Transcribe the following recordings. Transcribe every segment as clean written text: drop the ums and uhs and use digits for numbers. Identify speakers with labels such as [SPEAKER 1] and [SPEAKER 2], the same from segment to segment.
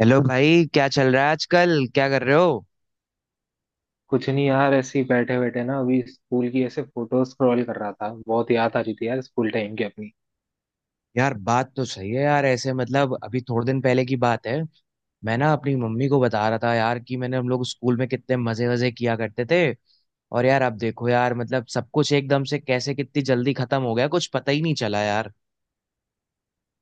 [SPEAKER 1] Hello भाई, क्या चल रहा है आजकल? क्या कर रहे हो?
[SPEAKER 2] कुछ नहीं यार। ऐसे ही बैठे बैठे ना, अभी स्कूल की ऐसे फोटो स्क्रॉल कर रहा था। बहुत याद आ रही थी यार स्कूल टाइम की अपनी।
[SPEAKER 1] यार बात तो सही है यार। ऐसे मतलब अभी थोड़े दिन पहले की बात है। मैं ना अपनी मम्मी को बता रहा था यार कि मैंने, हम लोग स्कूल में कितने मजे वजे किया करते थे। और यार अब देखो यार, मतलब सब कुछ एकदम से कैसे, कितनी जल्दी खत्म हो गया, कुछ पता ही नहीं चला यार।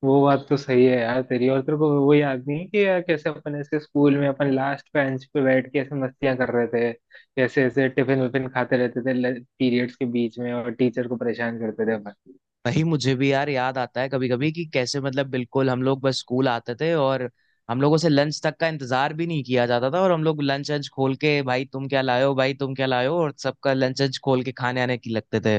[SPEAKER 2] वो बात तो सही है यार तेरी। और तेरे को वो याद नहीं है कि यार कैसे अपन ऐसे स्कूल में अपन लास्ट बेंच पे बैठ के ऐसे मस्तियां कर रहे थे, कैसे ऐसे टिफिन विफिन खाते रहते थे पीरियड्स के बीच में और टीचर को परेशान करते थे अपन।
[SPEAKER 1] नहीं, मुझे भी यार याद आता है कभी कभी कि कैसे मतलब बिल्कुल हम लोग बस स्कूल आते थे और हम लोगों से लंच तक का इंतजार भी नहीं किया जाता था, और हम लोग लंच अंच खोल के, भाई तुम क्या लाए हो, भाई तुम क्या लाए हो, और सबका लंच अंच खोल के खाने आने की लगते थे।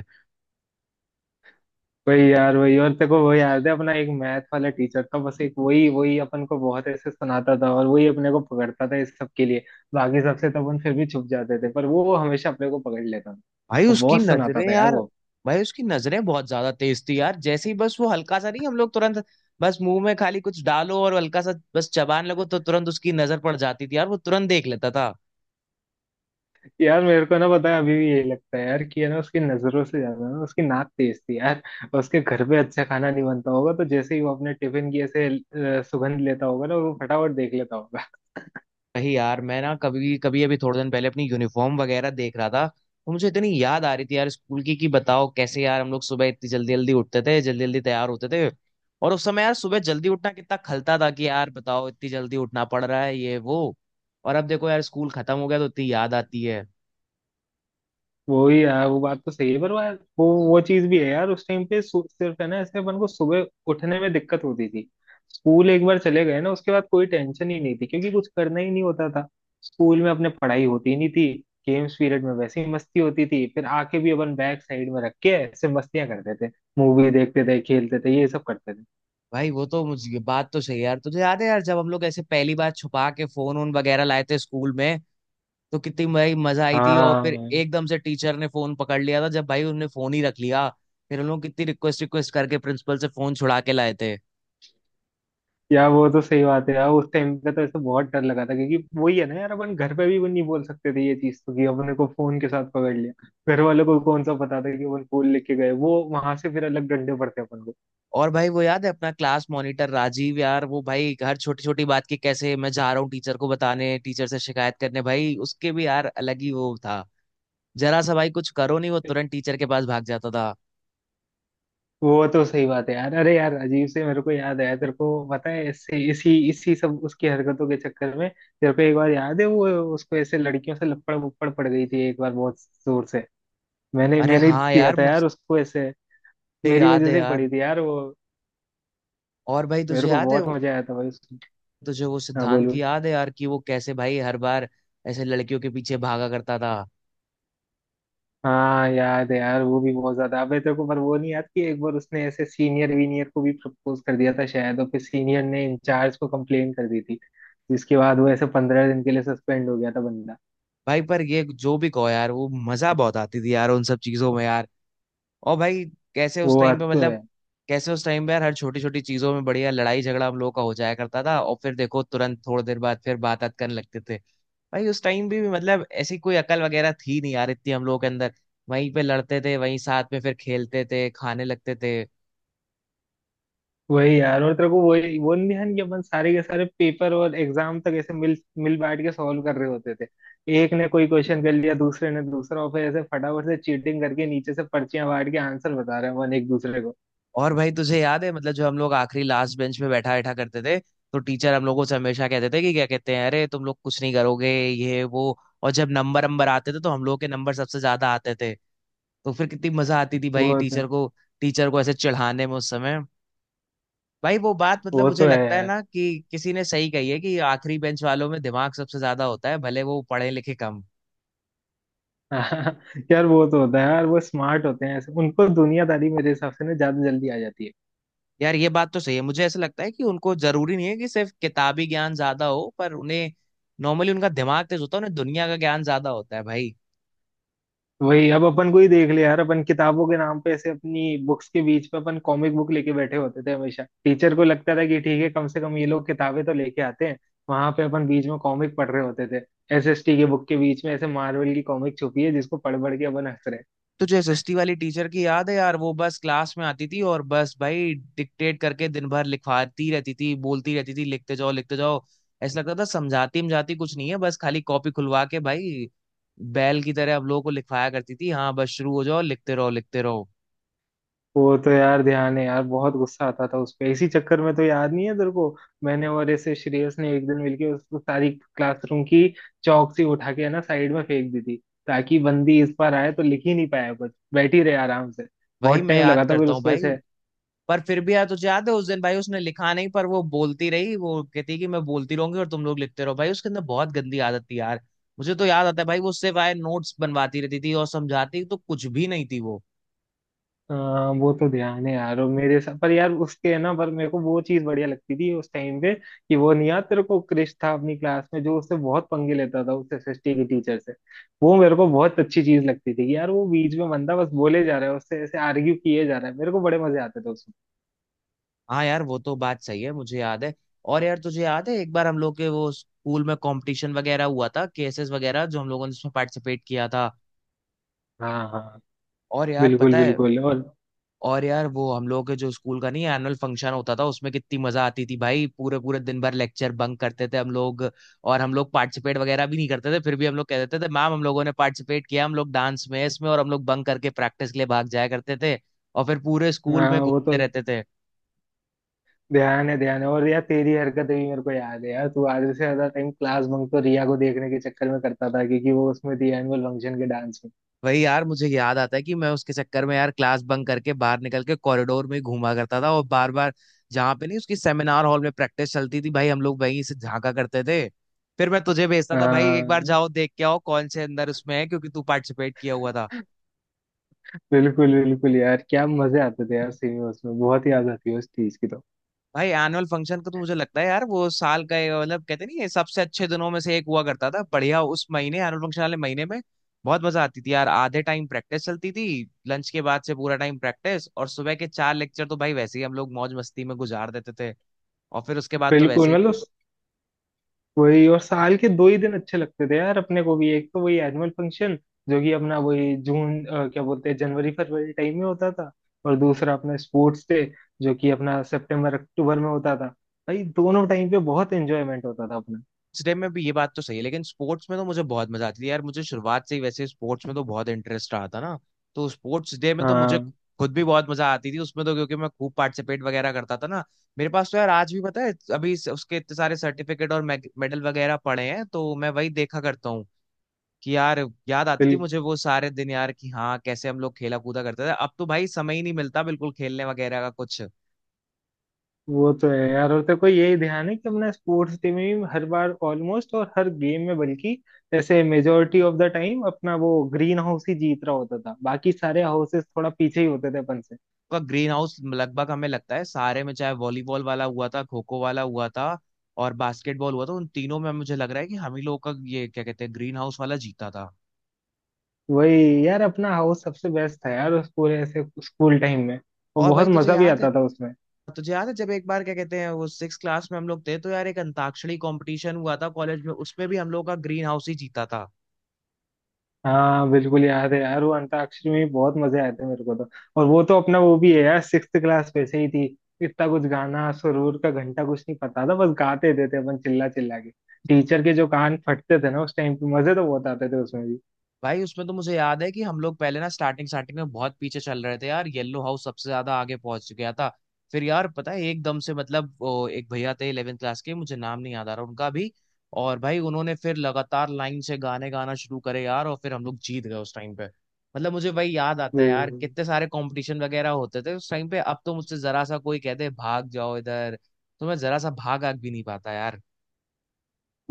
[SPEAKER 2] वही यार वही। और तेरे को वो याद है अपना एक मैथ वाला टीचर था, बस एक वही वही अपन को बहुत ऐसे सुनाता था और वही अपने को पकड़ता था इस सब के लिए। बाकी सबसे तो अपन फिर भी छुप जाते थे पर वो हमेशा अपने को पकड़ लेता था।
[SPEAKER 1] भाई
[SPEAKER 2] वो
[SPEAKER 1] उसकी
[SPEAKER 2] बहुत सुनाता
[SPEAKER 1] नजरें
[SPEAKER 2] था यार
[SPEAKER 1] यार,
[SPEAKER 2] वो।
[SPEAKER 1] भाई उसकी नजरें बहुत ज्यादा तेज थी यार। जैसे ही बस वो हल्का सा, नहीं हम लोग तुरंत, बस मुंह में खाली कुछ डालो और हल्का सा बस चबान लगो तो तुरंत उसकी नजर पड़ जाती थी यार, वो तुरंत देख लेता था।
[SPEAKER 2] यार मेरे को ना पता है अभी भी यही लगता है यार कि है ना, उसकी नजरों से ज्यादा ना उसकी नाक तेज थी यार। उसके घर पे अच्छा खाना नहीं बनता होगा तो जैसे ही वो अपने टिफिन की ऐसे सुगंध लेता होगा ना, वो फटाफट देख लेता होगा।
[SPEAKER 1] वही यार, मैं ना कभी कभी, अभी थोड़े दिन पहले अपनी यूनिफॉर्म वगैरह देख रहा था तो मुझे इतनी याद आ रही थी यार स्कूल की, कि बताओ कैसे यार हम लोग सुबह इतनी जल्दी जल्दी उठते थे, जल्दी जल्दी तैयार होते थे। और उस समय यार सुबह जल्दी उठना कितना खलता था, कि यार बताओ इतनी जल्दी उठना पड़ रहा है ये वो। और अब देखो यार स्कूल खत्म हो गया तो इतनी याद आती है।
[SPEAKER 2] वो ही यार। वो बात तो सही है पर वो यार, वो चीज भी है यार उस टाइम पे सिर्फ है ना ऐसे अपन को सुबह उठने में दिक्कत होती थी। स्कूल एक बार चले गए ना उसके बाद कोई टेंशन ही नहीं थी क्योंकि कुछ करना ही नहीं होता था। स्कूल में अपने पढ़ाई होती नहीं थी। गेम्स पीरियड में वैसे ही मस्ती होती थी। फिर आके भी अपन बैक साइड में रख के ऐसे मस्तियां करते थे, मूवी देखते थे, खेलते थे, ये सब करते थे।
[SPEAKER 1] भाई वो तो मुझे बात तो सही है यार। तुझे याद है यार जब हम लोग ऐसे पहली बार छुपा के फोन वोन वगैरह लाए थे स्कूल में तो कितनी भाई मजा आई थी, और फिर
[SPEAKER 2] हाँ।
[SPEAKER 1] एकदम से टीचर ने फोन पकड़ लिया था, जब भाई उन्होंने फोन ही रख लिया। फिर हम लोग कितनी रिक्वेस्ट रिक्वेस्ट करके प्रिंसिपल से फोन छुड़ा के लाए थे।
[SPEAKER 2] यार वो तो सही बात है यार उस टाइम पे तो ऐसे बहुत डर लगा था क्योंकि वही है ना यार, अपन घर पे भी नहीं बोल सकते थे ये चीज तो कि अपने को फोन के साथ पकड़ लिया। घर वालों को कौन सा पता था कि अपन फूल लेके गए, वो वहां से फिर अलग डंडे पड़ते अपन को।
[SPEAKER 1] और भाई वो याद है अपना क्लास मॉनिटर राजीव यार, वो भाई हर छोटी छोटी बात की कैसे मैं जा रहा हूँ टीचर को बताने, टीचर से शिकायत करने, भाई उसके भी यार अलग ही वो था। जरा सा भाई कुछ करो नहीं, वो तुरंत टीचर के पास भाग जाता था।
[SPEAKER 2] वो तो सही बात है यार। अरे यार अजीब से मेरे को याद आया। तेरे को पता है ऐसे इसी इसी सब उसकी हरकतों के चक्कर में तेरे को एक बार याद है वो, उसको ऐसे लड़कियों से लपड़ वपड़ पड़ गई थी एक बार बहुत जोर से। मैंने
[SPEAKER 1] अरे
[SPEAKER 2] मैंने ही
[SPEAKER 1] हाँ
[SPEAKER 2] दिया
[SPEAKER 1] यार,
[SPEAKER 2] था
[SPEAKER 1] मुझे
[SPEAKER 2] यार उसको ऐसे। मेरी
[SPEAKER 1] याद
[SPEAKER 2] वजह
[SPEAKER 1] है
[SPEAKER 2] से ही
[SPEAKER 1] यार।
[SPEAKER 2] पड़ी थी यार वो।
[SPEAKER 1] और भाई तुझे
[SPEAKER 2] मेरे को
[SPEAKER 1] याद है
[SPEAKER 2] बहुत मजा आया था भाई।
[SPEAKER 1] तुझे वो
[SPEAKER 2] हाँ
[SPEAKER 1] सिद्धांत
[SPEAKER 2] बोलूँ।
[SPEAKER 1] की याद है यार, कि वो कैसे भाई हर बार ऐसे लड़कियों के पीछे भागा करता था।
[SPEAKER 2] हाँ याद है यार वो भी बहुत ज्यादा अबे। तेरे को पर वो नहीं याद कि एक बार उसने ऐसे सीनियर वीनियर को भी प्रपोज कर दिया था शायद, और फिर सीनियर ने इंचार्ज को कंप्लेन कर दी थी, जिसके बाद वो ऐसे 15 दिन के लिए सस्पेंड हो गया था बंदा।
[SPEAKER 1] भाई पर ये जो भी कहो यार, वो मजा बहुत आती थी यार उन सब चीजों में यार। और भाई कैसे उस
[SPEAKER 2] वो
[SPEAKER 1] टाइम पे
[SPEAKER 2] बात तो
[SPEAKER 1] मतलब
[SPEAKER 2] है।
[SPEAKER 1] कैसे उस टाइम पे यार हर छोटी छोटी चीजों में बढ़िया लड़ाई झगड़ा हम लोगों का हो जाया करता था, और फिर देखो तुरंत थोड़ी देर बाद फिर बात बात करने लगते थे। भाई उस टाइम भी मतलब ऐसी कोई अकल वगैरह थी नहीं यार इतनी हम लोगों के अंदर। वहीं पे लड़ते थे, वहीं साथ में फिर खेलते थे, खाने लगते थे।
[SPEAKER 2] वही यार। और तेरे को वही वो नहीं ध्यान कि अपन सारे के सारे पेपर और एग्जाम तक ऐसे मिल मिल बैठ के सॉल्व कर रहे होते थे। एक ने कोई क्वेश्चन कर लिया, दूसरे ने दूसरा, और फिर ऐसे फटाफट से चीटिंग करके नीचे से पर्चियां बांट के आंसर बता रहे हैं अपन एक दूसरे को।
[SPEAKER 1] और भाई तुझे याद है, मतलब जो हम लोग आखिरी लास्ट बेंच में बैठा बैठा करते थे, तो टीचर हम लोगों से हमेशा कहते थे कि क्या कहते हैं, अरे तुम लोग कुछ नहीं करोगे ये वो। और जब नंबर नंबर आते थे तो हम लोग के नंबर सबसे ज्यादा आते थे। तो फिर कितनी मजा आती थी भाई
[SPEAKER 2] वो तो
[SPEAKER 1] टीचर को, टीचर को ऐसे चिढ़ाने में उस समय। भाई वो बात मतलब
[SPEAKER 2] वो
[SPEAKER 1] मुझे
[SPEAKER 2] तो
[SPEAKER 1] लगता है
[SPEAKER 2] है।
[SPEAKER 1] ना, कि किसी ने सही कही है कि आखिरी बेंच वालों में दिमाग सबसे ज्यादा होता है, भले वो पढ़े लिखे कम।
[SPEAKER 2] हाँ। यार वो तो होता है यार। वो स्मार्ट होते हैं ऐसे, उनको दुनियादारी मेरे हिसाब से ना ज्यादा जल्दी आ जाती है।
[SPEAKER 1] यार ये बात तो सही है, मुझे ऐसा लगता है कि उनको जरूरी नहीं है कि सिर्फ किताबी ज्ञान ज्यादा हो, पर उन्हें नॉर्मली उनका दिमाग तेज होता है, उन्हें दुनिया का ज्ञान ज्यादा होता है भाई।
[SPEAKER 2] वही अब अपन को ही देख ले यार। अपन किताबों के नाम पे ऐसे अपनी बुक्स के बीच पे अपन कॉमिक बुक लेके बैठे होते थे। हमेशा टीचर को लगता था कि ठीक है, कम से कम ये लोग किताबें तो लेके आते हैं। वहां पे अपन बीच में कॉमिक पढ़ रहे होते थे। एसएसटी के बुक के बीच में ऐसे मार्वल की कॉमिक छुपी है जिसको पढ़ पढ़ के अपन हंस रहे हैं।
[SPEAKER 1] तुझे सुस्ती वाली टीचर की याद है यार? वो बस क्लास में आती थी और बस भाई डिक्टेट करके दिन भर लिखवाती रहती थी, बोलती रहती थी, लिखते जाओ लिखते जाओ। ऐसा लगता था समझाती समझाती कुछ नहीं है, बस खाली कॉपी खुलवा के भाई बैल की तरह हम लोगों को लिखवाया करती थी। हाँ बस शुरू हो जाओ, लिखते रहो लिखते रहो।
[SPEAKER 2] वो तो यार ध्यान है यार। बहुत गुस्सा आता था उस पे। इसी चक्कर में तो याद नहीं है तेरे को, मैंने और ऐसे श्रेयस ने एक दिन मिलके उस सारी क्लासरूम की चौक से उठा के है ना साइड में फेंक दी थी, ताकि बंदी इस बार आए तो लिख ही नहीं पाया कुछ, बैठी रहे आराम से।
[SPEAKER 1] वही
[SPEAKER 2] बहुत
[SPEAKER 1] मैं
[SPEAKER 2] टाइम
[SPEAKER 1] याद
[SPEAKER 2] लगा था फिर
[SPEAKER 1] करता हूँ
[SPEAKER 2] उसको
[SPEAKER 1] भाई।
[SPEAKER 2] ऐसे।
[SPEAKER 1] पर फिर भी यार तुझे याद है उस दिन भाई उसने लिखा नहीं, पर वो बोलती रही, वो कहती कि मैं बोलती रहूंगी और तुम लोग लिखते रहो। भाई उसके अंदर बहुत गंदी आदत थी यार। मुझे तो याद आता है भाई वो उससे, भाई नोट्स बनवाती रहती थी और समझाती तो कुछ भी नहीं थी वो।
[SPEAKER 2] हाँ वो तो ध्यान है यार। और मेरे साथ पर यार उसके है ना, पर मेरे को वो चीज बढ़िया लगती थी उस टाइम पे कि वो नहीं याद तेरे को क्रिश था अपनी क्लास में जो उससे बहुत पंगे लेता था उस एसएसटी की टीचर से। वो मेरे को बहुत अच्छी चीज लगती थी कि यार वो बीच में बंदा बस बोले जा रहा है, उससे ऐसे आर्ग्यू किए जा रहा है, मेरे को बड़े मजे आते थे उसमें।
[SPEAKER 1] हाँ यार वो तो बात सही है, मुझे याद है। और यार तुझे याद है एक बार हम लोग के वो स्कूल में कंपटीशन वगैरह हुआ था, केसेस वगैरह, जो हम लोगों ने उसमें पार्टिसिपेट किया था।
[SPEAKER 2] हाँ हाँ।
[SPEAKER 1] और यार पता
[SPEAKER 2] बिल्कुल
[SPEAKER 1] है,
[SPEAKER 2] बिल्कुल और।
[SPEAKER 1] और यार वो हम लोगों के जो स्कूल का, नहीं एनुअल फंक्शन होता था उसमें कितनी मजा आती थी भाई, पूरे पूरे दिन भर लेक्चर बंक करते थे हम लोग। और हम लोग पार्टिसिपेट वगैरह भी नहीं करते थे, फिर भी हम लोग कह देते थे मैम हम लोगों ने पार्टिसिपेट किया, हम लोग डांस में, इसमें, और हम लोग बंक करके प्रैक्टिस के लिए भाग जाया करते थे, और फिर पूरे स्कूल में
[SPEAKER 2] हाँ। वो तो
[SPEAKER 1] घूमते रहते थे।
[SPEAKER 2] ध्यान है ध्यान है। और यार तेरी हरकतें भी मेरे को याद है यार। तू आधे से ज्यादा टाइम क्लास बंक तो रिया को देखने के चक्कर में करता था क्योंकि वो उसमें थी एनुअल फंक्शन के डांस में।
[SPEAKER 1] वही यार मुझे याद आता है कि मैं उसके चक्कर में यार क्लास बंक करके बाहर निकल के कॉरिडोर में ही घूमा करता था, और बार बार जहाँ पे, नहीं उसकी सेमिनार हॉल में प्रैक्टिस चलती थी भाई, हम लोग वहीं से झांका करते थे। फिर मैं तुझे भेजता था भाई, एक बार
[SPEAKER 2] हाँ
[SPEAKER 1] जाओ देख के आओ कौन से अंदर उसमें है, क्योंकि तू पार्टिसिपेट किया हुआ था।
[SPEAKER 2] बिल्कुल बिल्कुल यार। क्या मजे आते थे यार सिनेमास में। बहुत याद आती है उस चीज की तो।
[SPEAKER 1] भाई एनुअल फंक्शन का तो मुझे लगता है यार वो साल का ये मतलब, कहते नहीं है सबसे अच्छे दिनों में से एक हुआ करता था, बढ़िया उस महीने, एनुअल फंक्शन वाले महीने में बहुत मजा आती थी यार। आधे टाइम प्रैक्टिस चलती थी, लंच के बाद से पूरा टाइम प्रैक्टिस, और सुबह के चार लेक्चर तो भाई वैसे ही हम लोग मौज मस्ती में गुजार देते थे, और फिर उसके बाद तो
[SPEAKER 2] बिल्कुल,
[SPEAKER 1] वैसे ही।
[SPEAKER 2] मतलब वही। और साल के दो ही दिन अच्छे लगते थे यार अपने को भी। एक तो वही एनुअल फंक्शन, जो कि अपना वही जून क्या बोलते हैं जनवरी फरवरी टाइम में होता था। और दूसरा अपना स्पोर्ट्स डे, जो कि अपना सितंबर अक्टूबर में होता था। भाई दोनों टाइम पे बहुत एंजॉयमेंट होता था अपना।
[SPEAKER 1] स्टेप में भी ये बात तो सही है, लेकिन स्पोर्ट्स में तो मुझे बहुत मजा आती थी यार। मुझे शुरुआत से ही वैसे स्पोर्ट्स में तो बहुत इंटरेस्ट रहा था ना, तो स्पोर्ट्स डे में तो मुझे
[SPEAKER 2] हाँ
[SPEAKER 1] खुद भी बहुत मजा आती थी उसमें तो, क्योंकि मैं खूब पार्टिसिपेट वगैरह करता था ना। मेरे पास तो यार आज भी पता है अभी उसके इतने सारे सर्टिफिकेट और मेडल वगैरह पड़े हैं, तो मैं वही देखा करता हूँ, कि यार याद आती थी मुझे वो सारे दिन यार, कि हाँ कैसे हम लोग खेला कूदा करते थे। अब तो भाई समय ही नहीं मिलता बिल्कुल, खेलने वगैरह का कुछ।
[SPEAKER 2] वो तो है यार। और तेरे को यही ध्यान है कि हमने स्पोर्ट्स टीम में भी हर बार ऑलमोस्ट, और हर गेम में बल्कि जैसे मेजोरिटी ऑफ द टाइम अपना वो ग्रीन हाउस ही जीत रहा होता था, बाकी सारे हाउसेस थोड़ा पीछे ही होते थे अपन से।
[SPEAKER 1] का ग्रीन हाउस लगभग हमें लगता है सारे में, चाहे वॉलीबॉल वाला हुआ था, खो खो वाला हुआ था, और बास्केटबॉल हुआ था, उन तीनों में मुझे लग रहा है कि हम ही लोगों का ये क्या कहते हैं ग्रीन हाउस वाला जीता था।
[SPEAKER 2] वही यार अपना हाउस सबसे बेस्ट था यार उस पूरे ऐसे स्कूल टाइम में। और
[SPEAKER 1] और
[SPEAKER 2] बहुत
[SPEAKER 1] भाई तुझे
[SPEAKER 2] मजा भी
[SPEAKER 1] याद है,
[SPEAKER 2] आता था उसमें।
[SPEAKER 1] तुझे याद है जब एक बार क्या कहते हैं वो 6 क्लास में हम लोग थे, तो यार एक अंताक्षरी कंपटीशन हुआ था कॉलेज में, उसमें भी हम लोग का ग्रीन हाउस ही जीता था।
[SPEAKER 2] हाँ बिल्कुल याद है यार। वो अंताक्षरी में भी बहुत मजे आए थे मेरे को तो। और वो तो अपना वो भी है यार, सिक्स्थ क्लास वैसे ही थी। इतना कुछ गाना सुरूर का घंटा कुछ नहीं पता था, बस गाते थे अपन चिल्ला चिल्ला के। टीचर के जो कान फटते थे ना उस टाइम पे, मजे तो बहुत आते थे उसमें भी।
[SPEAKER 1] भाई उसमें तो मुझे याद है कि हम लोग पहले ना स्टार्टिंग स्टार्टिंग में बहुत पीछे चल रहे थे यार, येलो हाउस सबसे ज्यादा आगे पहुंच गया था। फिर यार पता है एकदम से मतलब वो एक भैया थे 11th क्लास के, मुझे नाम नहीं याद आ रहा उनका भी। और भाई उन्होंने फिर लगातार लाइन से गाने गाना शुरू करे यार, और फिर हम लोग जीत गए उस टाइम पे। मतलब मुझे भाई याद आता है यार
[SPEAKER 2] बिल्कुल।
[SPEAKER 1] कितने सारे कंपटीशन वगैरह होते थे उस टाइम पे, अब तो मुझसे जरा सा कोई कहते भाग जाओ इधर, तो मैं जरा सा भाग आग भी नहीं पाता यार।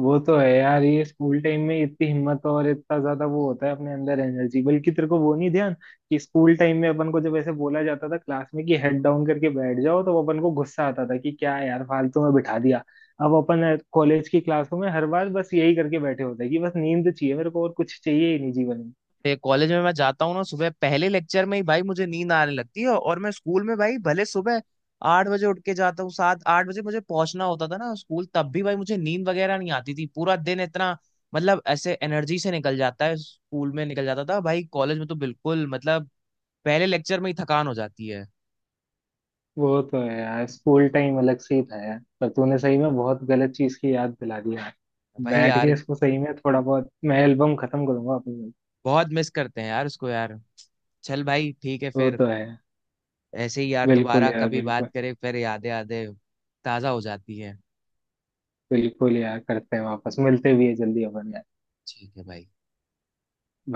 [SPEAKER 2] वो तो है यार। ये स्कूल टाइम में इतनी हिम्मत और इतना ज्यादा वो होता है अपने अंदर एनर्जी। बल्कि तेरे को वो नहीं ध्यान कि स्कूल टाइम में अपन को जब ऐसे बोला जाता था क्लास में कि हेड डाउन करके बैठ जाओ, तो अपन को गुस्सा आता था कि क्या यार फालतू में बिठा दिया। अब अपन कॉलेज की क्लासों में हर बार बस यही करके बैठे होते हैं कि बस नींद चाहिए मेरे को, और कुछ चाहिए ही नहीं जीवन में।
[SPEAKER 1] ये कॉलेज में मैं जाता हूँ ना सुबह पहले लेक्चर में ही भाई मुझे नींद आने लगती है, और मैं स्कूल में भाई भले सुबह 8 बजे उठ के जाता हूँ, 7-8 बजे मुझे पहुंचना होता था ना स्कूल, तब भी भाई मुझे नींद वगैरह नहीं आती थी, पूरा दिन इतना मतलब ऐसे एनर्जी से निकल जाता है स्कूल में, निकल जाता था भाई। कॉलेज में तो बिल्कुल मतलब पहले लेक्चर में ही थकान हो जाती है।
[SPEAKER 2] वो तो है यार, स्कूल टाइम अलग से ही था यार। पर तूने सही में बहुत गलत चीज की याद दिला दी यार।
[SPEAKER 1] भाई
[SPEAKER 2] बैठ
[SPEAKER 1] यार,
[SPEAKER 2] के इसको सही में थोड़ा बहुत मैं एल्बम खत्म करूंगा अपनी।
[SPEAKER 1] बहुत मिस करते हैं यार उसको यार। चल भाई ठीक है
[SPEAKER 2] तो
[SPEAKER 1] फिर,
[SPEAKER 2] तो है।
[SPEAKER 1] ऐसे ही यार
[SPEAKER 2] बिल्कुल
[SPEAKER 1] दोबारा
[SPEAKER 2] यार,
[SPEAKER 1] कभी बात
[SPEAKER 2] बिल्कुल।
[SPEAKER 1] करें, फिर यादें यादें ताजा हो जाती है।
[SPEAKER 2] बिल्कुल यार, करते हैं, वापस मिलते भी है जल्दी अपन यार।
[SPEAKER 1] ठीक है भाई।